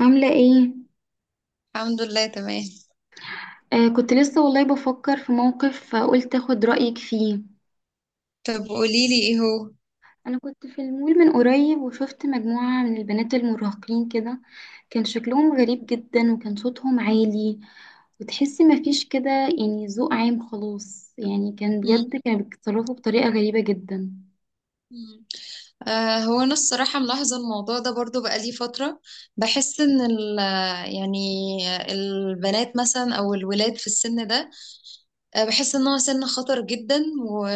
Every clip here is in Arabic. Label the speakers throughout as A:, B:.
A: عاملة ايه؟
B: الحمد لله، تمام.
A: كنت لسه والله بفكر في موقف، قلت اخد رأيك فيه.
B: طب قوليلي ايه هو؟
A: انا كنت في المول من قريب وشفت مجموعة من البنات المراهقين كده. كان شكلهم غريب جدا وكان صوتهم عالي، وتحسي مفيش كده يعني ذوق عام خلاص، يعني كان
B: مم.
A: بجد كانوا بيتصرفوا بطريقة غريبة جدا.
B: مم. هو انا الصراحة ملاحظة الموضوع ده برضو بقالي فترة. بحس ان يعني البنات مثلا او الولاد في السن ده. بحس ان هو سن خطر جدا. و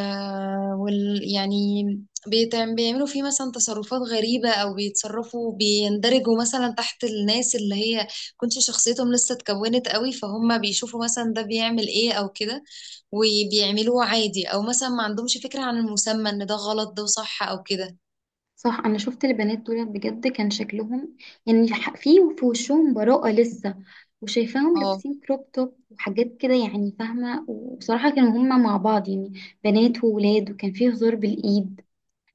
B: وال يعني، بيعملوا فيه مثلا تصرفات غريبة، او بيتصرفوا، بيندرجوا مثلا تحت الناس اللي هي كنتش شخصيتهم لسه اتكونت قوي، فهم بيشوفوا مثلا ده بيعمل ايه او كده وبيعملوه عادي، او مثلا ما عندهمش فكرة عن المسمى ان ده غلط ده صح او كده.
A: صح، انا شفت البنات دول بجد كان شكلهم يعني في وشهم براءة لسه، وشايفاهم
B: اه،
A: لابسين كروب توب وحاجات كده يعني، فاهمة. وبصراحة كانوا هما مع بعض يعني بنات وولاد، وكان فيه هزار بالإيد.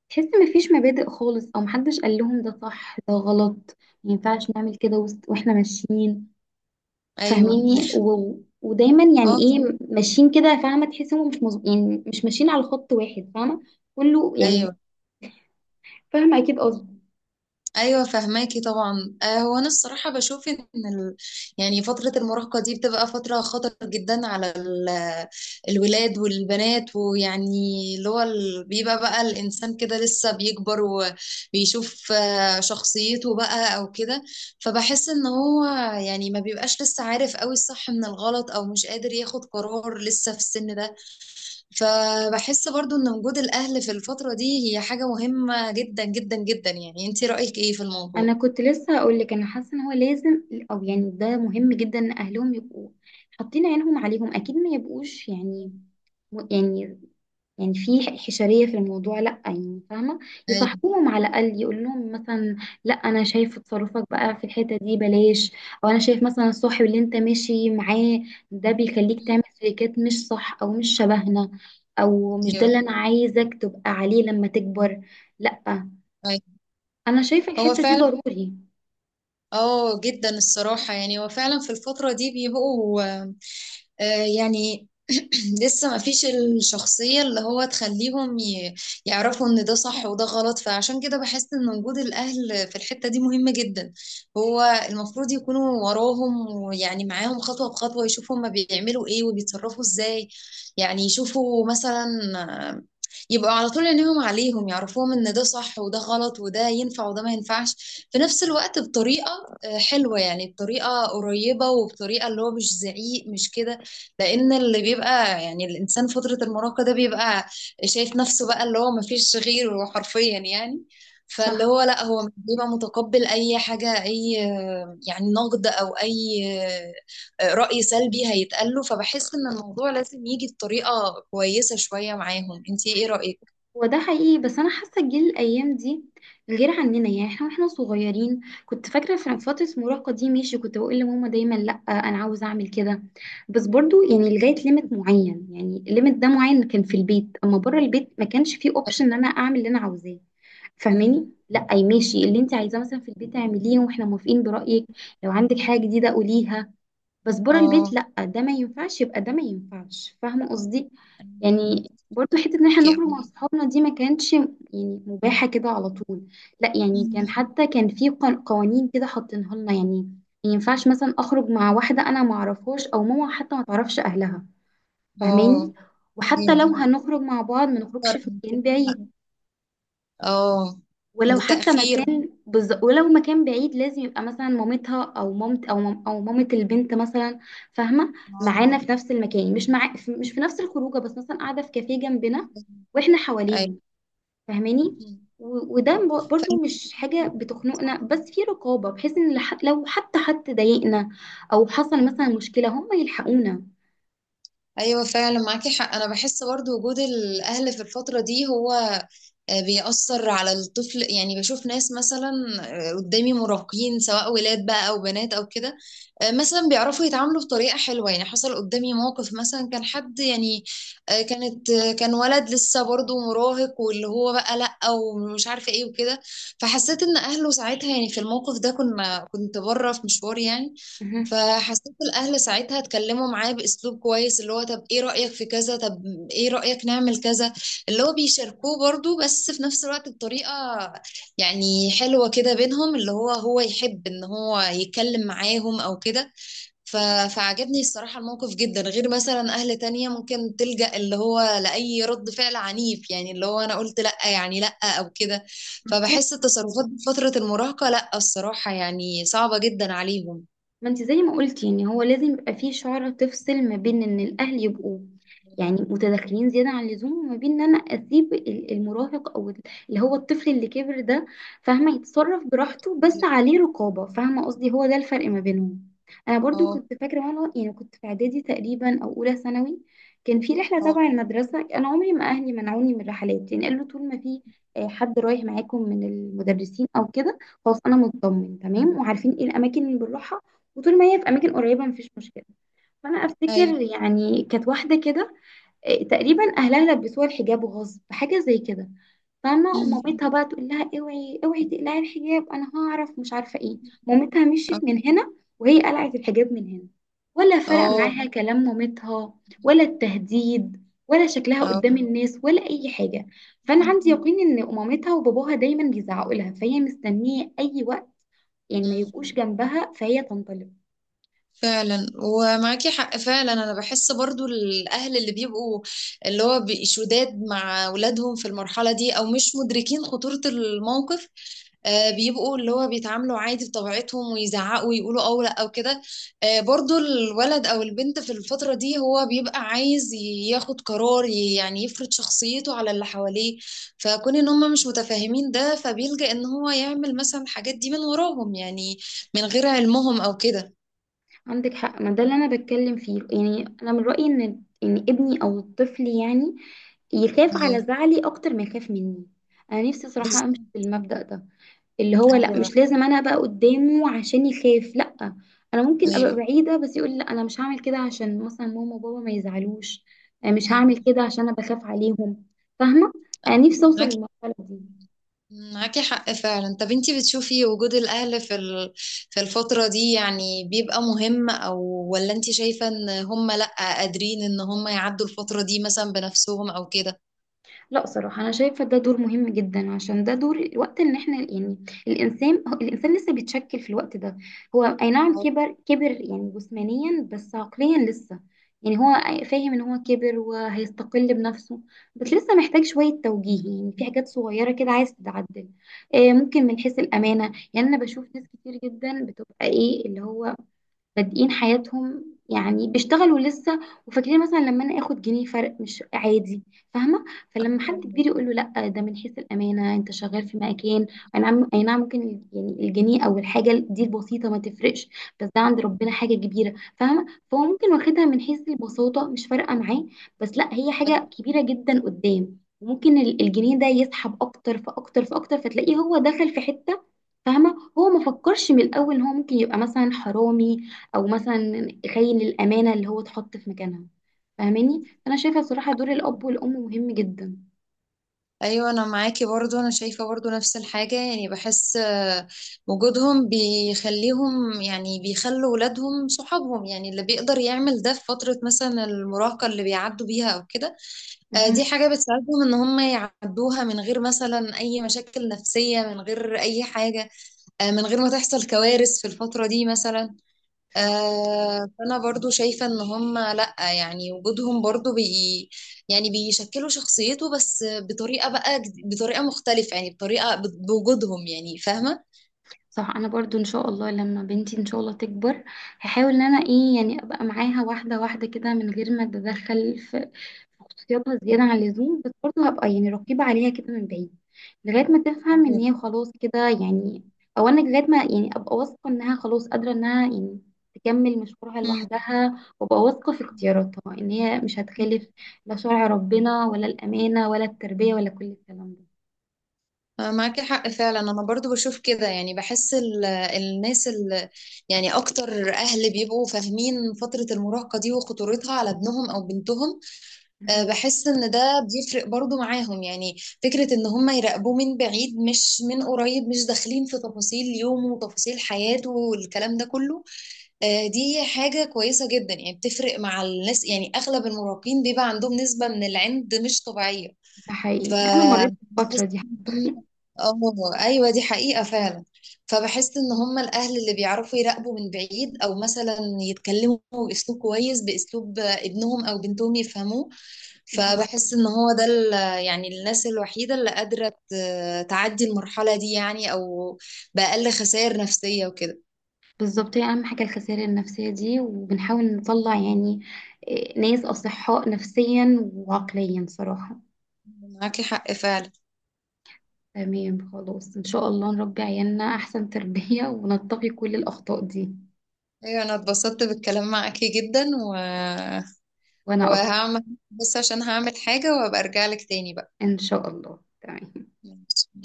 A: تحس مفيش مبادئ خالص او محدش قال لهم ده صح ده غلط، ما ينفعش نعمل كده واحنا ماشيين،
B: ايوه.
A: فاهميني ودايما يعني
B: اه،
A: ايه ماشيين كده، فاهمة، تحس هم مش مز... يعني مش ماشيين على خط واحد، فاهمة كله يعني،
B: ايوه.
A: فاهمة اكيد قصدي.
B: ايوه فهماكي طبعا. هو انا الصراحه بشوف ان ال... يعني فتره المراهقه دي بتبقى فتره خطر جدا على الولاد والبنات، ويعني اللي هو بيبقى بقى الانسان كده لسه بيكبر وبيشوف شخصيته بقى او كده. فبحس ان هو يعني ما بيبقاش لسه عارف قوي الصح من الغلط، او مش قادر ياخد قرار لسه في السن ده. فبحس برضو ان وجود الاهل في الفترة دي هي حاجة مهمة جدا جدا جدا. يعني انتي رأيك ايه في
A: انا
B: الموضوع؟
A: كنت لسه هقول لك، انا حاسه ان هو لازم، او يعني ده مهم جدا ان اهلهم يبقوا حاطين عينهم عليهم، اكيد ما يبقوش يعني، يعني يعني في حشريه في الموضوع لا، يعني فاهمه،
B: ايوه،
A: يصاحبوهم على الاقل، يقول لهم مثلا لا انا شايف تصرفك بقى في الحته دي بلاش، او انا شايف مثلا الصاحب اللي انت ماشي معاه ده بيخليك تعمل سلوكيات مش صح او مش شبهنا، او مش ده
B: ايوه،
A: اللي انا عايزك تبقى عليه لما تكبر. لا،
B: أيوة.
A: انا شايفه
B: هو
A: الحته دي
B: فعلا.
A: ضروري.
B: اه جدا الصراحة. يعني هو فعلا في الفترة دي بيبقوا يعني لسه ما فيش الشخصية اللي هو تخليهم يعرفوا ان ده صح وده غلط. فعشان كده بحس ان وجود الاهل في الحتة دي مهمة جدا. هو المفروض يكونوا وراهم، ويعني معاهم خطوة بخطوة، يشوفوا هما بيعملوا ايه وبيتصرفوا ازاي. يعني يشوفوا مثلا آه، يبقوا على طول عينيهم عليهم، يعرفوهم ان ده صح وده غلط وده ينفع وده ما ينفعش، في نفس الوقت بطريقة حلوة، يعني بطريقة قريبة وبطريقة اللي هو مش زعيق، مش كده. لان اللي بيبقى يعني الانسان فتره المراهقه ده بيبقى شايف نفسه بقى اللي هو مفيش غيره حرفيا يعني، فاللي
A: صح،
B: هو لا هو بيبقى متقبل اي حاجه، اي يعني نقد او اي راي سلبي هيتقال له. فبحس ان الموضوع لازم يجي بطريقه كويسه شويه معاهم. انت ايه رايك؟
A: هو ده حقيقي، بس انا حاسه الجيل الايام دي غير عننا. يعني احنا واحنا صغيرين كنت فاكره في فتره المراهقه دي، ماشي، كنت بقول لماما دايما لا انا عاوز اعمل كده، بس برضو يعني لغايه ليميت معين. يعني الليميت ده معين كان في البيت، اما بره البيت ما كانش فيه اوبشن ان انا اعمل اللي انا عاوزاه،
B: مم.
A: فاهماني. لا، اي، ماشي اللي انت عايزاه مثلا في البيت اعمليه واحنا موافقين برايك، لو عندك حاجه جديده قوليها، بس بره
B: اه.
A: البيت لأ، ده ما ينفعش، يبقى ده ما ينفعش، فاهمة قصدي. يعني برضو حتة ان احنا
B: اوكي.
A: نخرج مع صحابنا دي ما كانتش يعني مباحة كده على طول، لأ يعني كان
B: مم.
A: حتى كان في قوانين كده حاطينها لنا يعني، ما ينفعش مثلا اخرج مع واحدة انا ما اعرفهاش، او ماما حتى ما تعرفش اهلها، فاهماني.
B: اه، دي
A: وحتى لو هنخرج مع بعض ما نخرجش
B: فرق.
A: في مكان بعيد،
B: اه،
A: ولو حتى
B: تاخير.
A: ولو مكان بعيد لازم يبقى مثلا مامتها او او مامة البنت مثلا، فاهمه،
B: اه،
A: معانا في نفس المكان، مش مع مش في نفس الخروجه، بس مثلا قاعده في كافيه جنبنا واحنا
B: أيوه.
A: حواليهم، فاهماني.
B: مم.
A: وده برضو
B: فعلا.
A: مش حاجه بتخنقنا، بس في رقابه، بحيث ان لو حتى حد ضايقنا او حصل مثلا مشكله هم يلحقونا.
B: ايوه فعلا، معاكي حق. انا بحس برضو وجود الاهل في الفتره دي هو بيأثر على الطفل. يعني بشوف ناس مثلا قدامي مراهقين سواء ولاد بقى او بنات او كده. مثلا بيعرفوا يتعاملوا بطريقه حلوه. يعني حصل قدامي موقف، مثلا كان حد يعني كان ولد لسه برضو مراهق، واللي هو بقى لا ومش عارفه ايه وكده. فحسيت ان اهله ساعتها يعني في الموقف ده كنت بره في مشوار يعني.
A: مهم.
B: فحسيت الاهل ساعتها اتكلموا معاه باسلوب كويس، اللي هو طب ايه رايك في كذا، طب ايه رايك نعمل كذا. اللي هو بيشاركوه برضو، بس في نفس الوقت بطريقه يعني حلوه كده بينهم، اللي هو هو يحب ان هو يتكلم معاهم او كده. ف... فعجبني الصراحه الموقف جدا، غير مثلا اهل تانية ممكن تلجأ اللي هو لاي رد فعل عنيف، يعني اللي هو انا قلت لا يعني لا او كده. فبحس التصرفات في فتره المراهقه لا الصراحه يعني صعبه جدا عليهم.
A: ما انت زي ما قلتي ان هو لازم يبقى فيه شعرة تفصل ما بين ان الاهل يبقوا يعني متدخلين زيادة عن اللزوم، وما بين ان انا اسيب المراهق او اللي هو الطفل اللي كبر ده، فاهمة، يتصرف براحته بس عليه رقابة، فاهمة قصدي، هو ده الفرق ما بينهم. انا برضو
B: اه،
A: كنت فاكرة، وانا يعني كنت في اعدادي تقريبا او اولى ثانوي، كان في رحلة
B: اه،
A: تبع المدرسة. انا عمري ما اهلي منعوني من الرحلات، يعني قالوا طول ما في حد رايح معاكم من المدرسين او كده خلاص انا مطمن تمام، وعارفين ايه الاماكن اللي بنروحها، وطول ما هي في اماكن قريبه مفيش مشكله. فانا
B: ايوه.
A: افتكر يعني كانت واحده كده، تقريبا اهلها لبسوها الحجاب غصب، حاجه زي كده، فاهمه،
B: أمم.
A: ومامتها بقى تقول لها اوعي اوعي تقلعي الحجاب، انا هعرف مش عارفه ايه. مامتها مشيت
B: اه،
A: من هنا وهي قلعت الحجاب من هنا، ولا فرق
B: اه،
A: معاها كلام مامتها ولا التهديد ولا شكلها
B: اه.
A: قدام الناس ولا اي حاجه. فانا عندي يقين ان مامتها وباباها دايما بيزعقوا لها، فهي مستنيه اي وقت يعني ما
B: أمم.
A: يبقوش جنبها فهي تنطلق.
B: فعلا ومعاكي حق فعلا. انا بحس برضو الاهل اللي بيبقوا اللي هو شداد مع اولادهم في المرحله دي، او مش مدركين خطوره الموقف. بيبقوا اللي هو بيتعاملوا عادي بطبيعتهم، ويزعقوا ويقولوا او لا او كده. برضو الولد او البنت في الفترة دي هو بيبقى عايز ياخد قرار، يعني يفرض شخصيته على اللي حواليه. فكون ان هم مش متفاهمين ده، فبيلجأ ان هو يعمل مثلا الحاجات دي من وراهم، يعني من غير علمهم او كده.
A: عندك حق، ما ده اللي انا بتكلم فيه، يعني انا من رأيي ان ان ابني او الطفل يعني يخاف
B: ايوه،
A: على زعلي اكتر ما يخاف مني. انا نفسي صراحة امشي
B: بالظبط.
A: بالمبدأ ده، اللي هو لا
B: ايوه،
A: مش لازم انا ابقى قدامه عشان يخاف، لا، انا ممكن
B: ايوه،
A: ابقى بعيدة بس يقول لا انا مش هعمل كده عشان مثلا ماما وبابا ما يزعلوش، أنا مش هعمل
B: ايوه.
A: كده عشان انا بخاف عليهم، فاهمة. انا نفسي اوصل
B: معاك
A: للمرحلة دي.
B: معاكي حق فعلا. طب انتي بتشوفي وجود الأهل في في الفترة دي يعني بيبقى مهم، أو ولا انتي شايفة ان هم لأ قادرين ان هم يعدوا الفترة دي مثلا بنفسهم أو كده؟
A: لا صراحة، أنا شايفة ده دور مهم جدا، عشان ده دور الوقت إن إحنا يعني الإنسان الإنسان لسه بيتشكل في الوقت ده. هو أي نعم كبر يعني جسمانيا، بس عقليا لسه يعني هو فاهم إن هو كبر وهيستقل بنفسه، بس لسه محتاج شوية توجيه يعني في حاجات صغيرة كده عايز تتعدل. ممكن من حيث الأمانة، يعني أنا بشوف ناس كتير جدا بتبقى إيه اللي هو بادئين حياتهم يعني بيشتغلوا لسه، وفاكرين مثلا لما انا اخد جنيه فرق مش عادي، فاهمه. فلما حد كبير يقول له لا، ده من حيث الامانه انت شغال في مكان، اي نعم اي نعم ممكن يعني الجنيه او الحاجه دي البسيطه ما تفرقش، بس ده عند ربنا حاجه كبيره، فاهمه. فهو ممكن واخدها من حيث البساطه مش فارقه معاه، بس لا، هي حاجه كبيره جدا قدام، وممكن الجنيه ده يسحب اكتر فاكتر فاكتر، فتلاقيه هو دخل في حته، فاهمه، هو ما فكرش من الاول ان هو ممكن يبقى مثلا حرامي او مثلا يخيل الامانه اللي هو اتحط في مكانها، فاهماني. فانا شايفه الصراحه دور الاب والام مهم جدا.
B: ايوه، انا معاكي برضو. انا شايفه برضو نفس الحاجه، يعني بحس وجودهم بيخليهم يعني بيخلوا ولادهم صحابهم، يعني اللي بيقدر يعمل ده في فتره مثلا المراهقه اللي بيعدوا بيها او كده.
A: مهم.
B: دي حاجة بتساعدهم ان هم يعدوها من غير مثلا اي مشاكل نفسية، من غير اي حاجة، من غير ما تحصل كوارث في الفترة دي مثلا.
A: صح
B: فانا برضو شايفة ان هم لا، يعني وجودهم برضو يعني بيشكلوا شخصيته، بس بطريقة بقى بطريقة مختلفة، يعني بطريقة بوجودهم، يعني فاهمة.
A: صح انا برضو ان شاء الله لما بنتي ان شاء الله تكبر هحاول ان انا ايه يعني ابقى معاها واحده واحده كده من غير ما اتدخل في في خصوصياتها زياده عن اللزوم، بس برضو هبقى يعني رقيبه عليها كده من بعيد، لغايه ما تفهم ان
B: أيوة.
A: هي خلاص كده يعني، او انا لغايه ما يعني ابقى واثقه انها خلاص قادره انها يعني تكمل مشوارها لوحدها، وابقى واثقه في اختياراتها ان هي مش
B: مم.
A: هتخالف لا شرع ربنا ولا الامانه ولا التربيه ولا كل الكلام ده.
B: معاكي حق فعلا. انا برضو بشوف كده، يعني بحس الناس ال يعني اكتر اهل بيبقوا فاهمين فترة المراهقة دي وخطورتها على ابنهم او بنتهم.
A: مهم.
B: بحس ان ده بيفرق برضو معاهم. يعني فكرة ان هم يراقبوه من بعيد مش من قريب، مش داخلين في تفاصيل يومه وتفاصيل حياته والكلام ده كله، دي حاجة كويسة جدا. يعني بتفرق مع الناس، يعني اغلب المراهقين بيبقى عندهم نسبة من العند مش طبيعية.
A: ده حقيقي، انا مريت بالفتره
B: فبحس
A: دي
B: ان
A: حتى.
B: هم، اه، ايوه، دي حقيقة فعلا. فبحس ان هم الاهل اللي بيعرفوا يراقبوا من بعيد، او مثلا يتكلموا باسلوب كويس، باسلوب ابنهم او بنتهم يفهموه. فبحس ان هو ده يعني الناس الوحيدة اللي قادرة تعدي المرحلة دي، يعني او بأقل خسائر نفسية وكده.
A: بالظبط، هي أهم حاجة الخسائر النفسية دي، وبنحاول نطلع يعني ناس أصحاء نفسيا وعقليا صراحة.
B: معاكي حق فعلا.
A: تمام، خلاص إن شاء الله نربي عيالنا أحسن تربية ونتقي كل الأخطاء دي.
B: ايوه انا اتبسطت بالكلام معاكي جدا
A: وأنا أكتر،
B: وهعمل بس عشان هعمل حاجة وابقى ارجع لك تاني بقى.
A: إن شاء الله، تمام.
B: ماشي.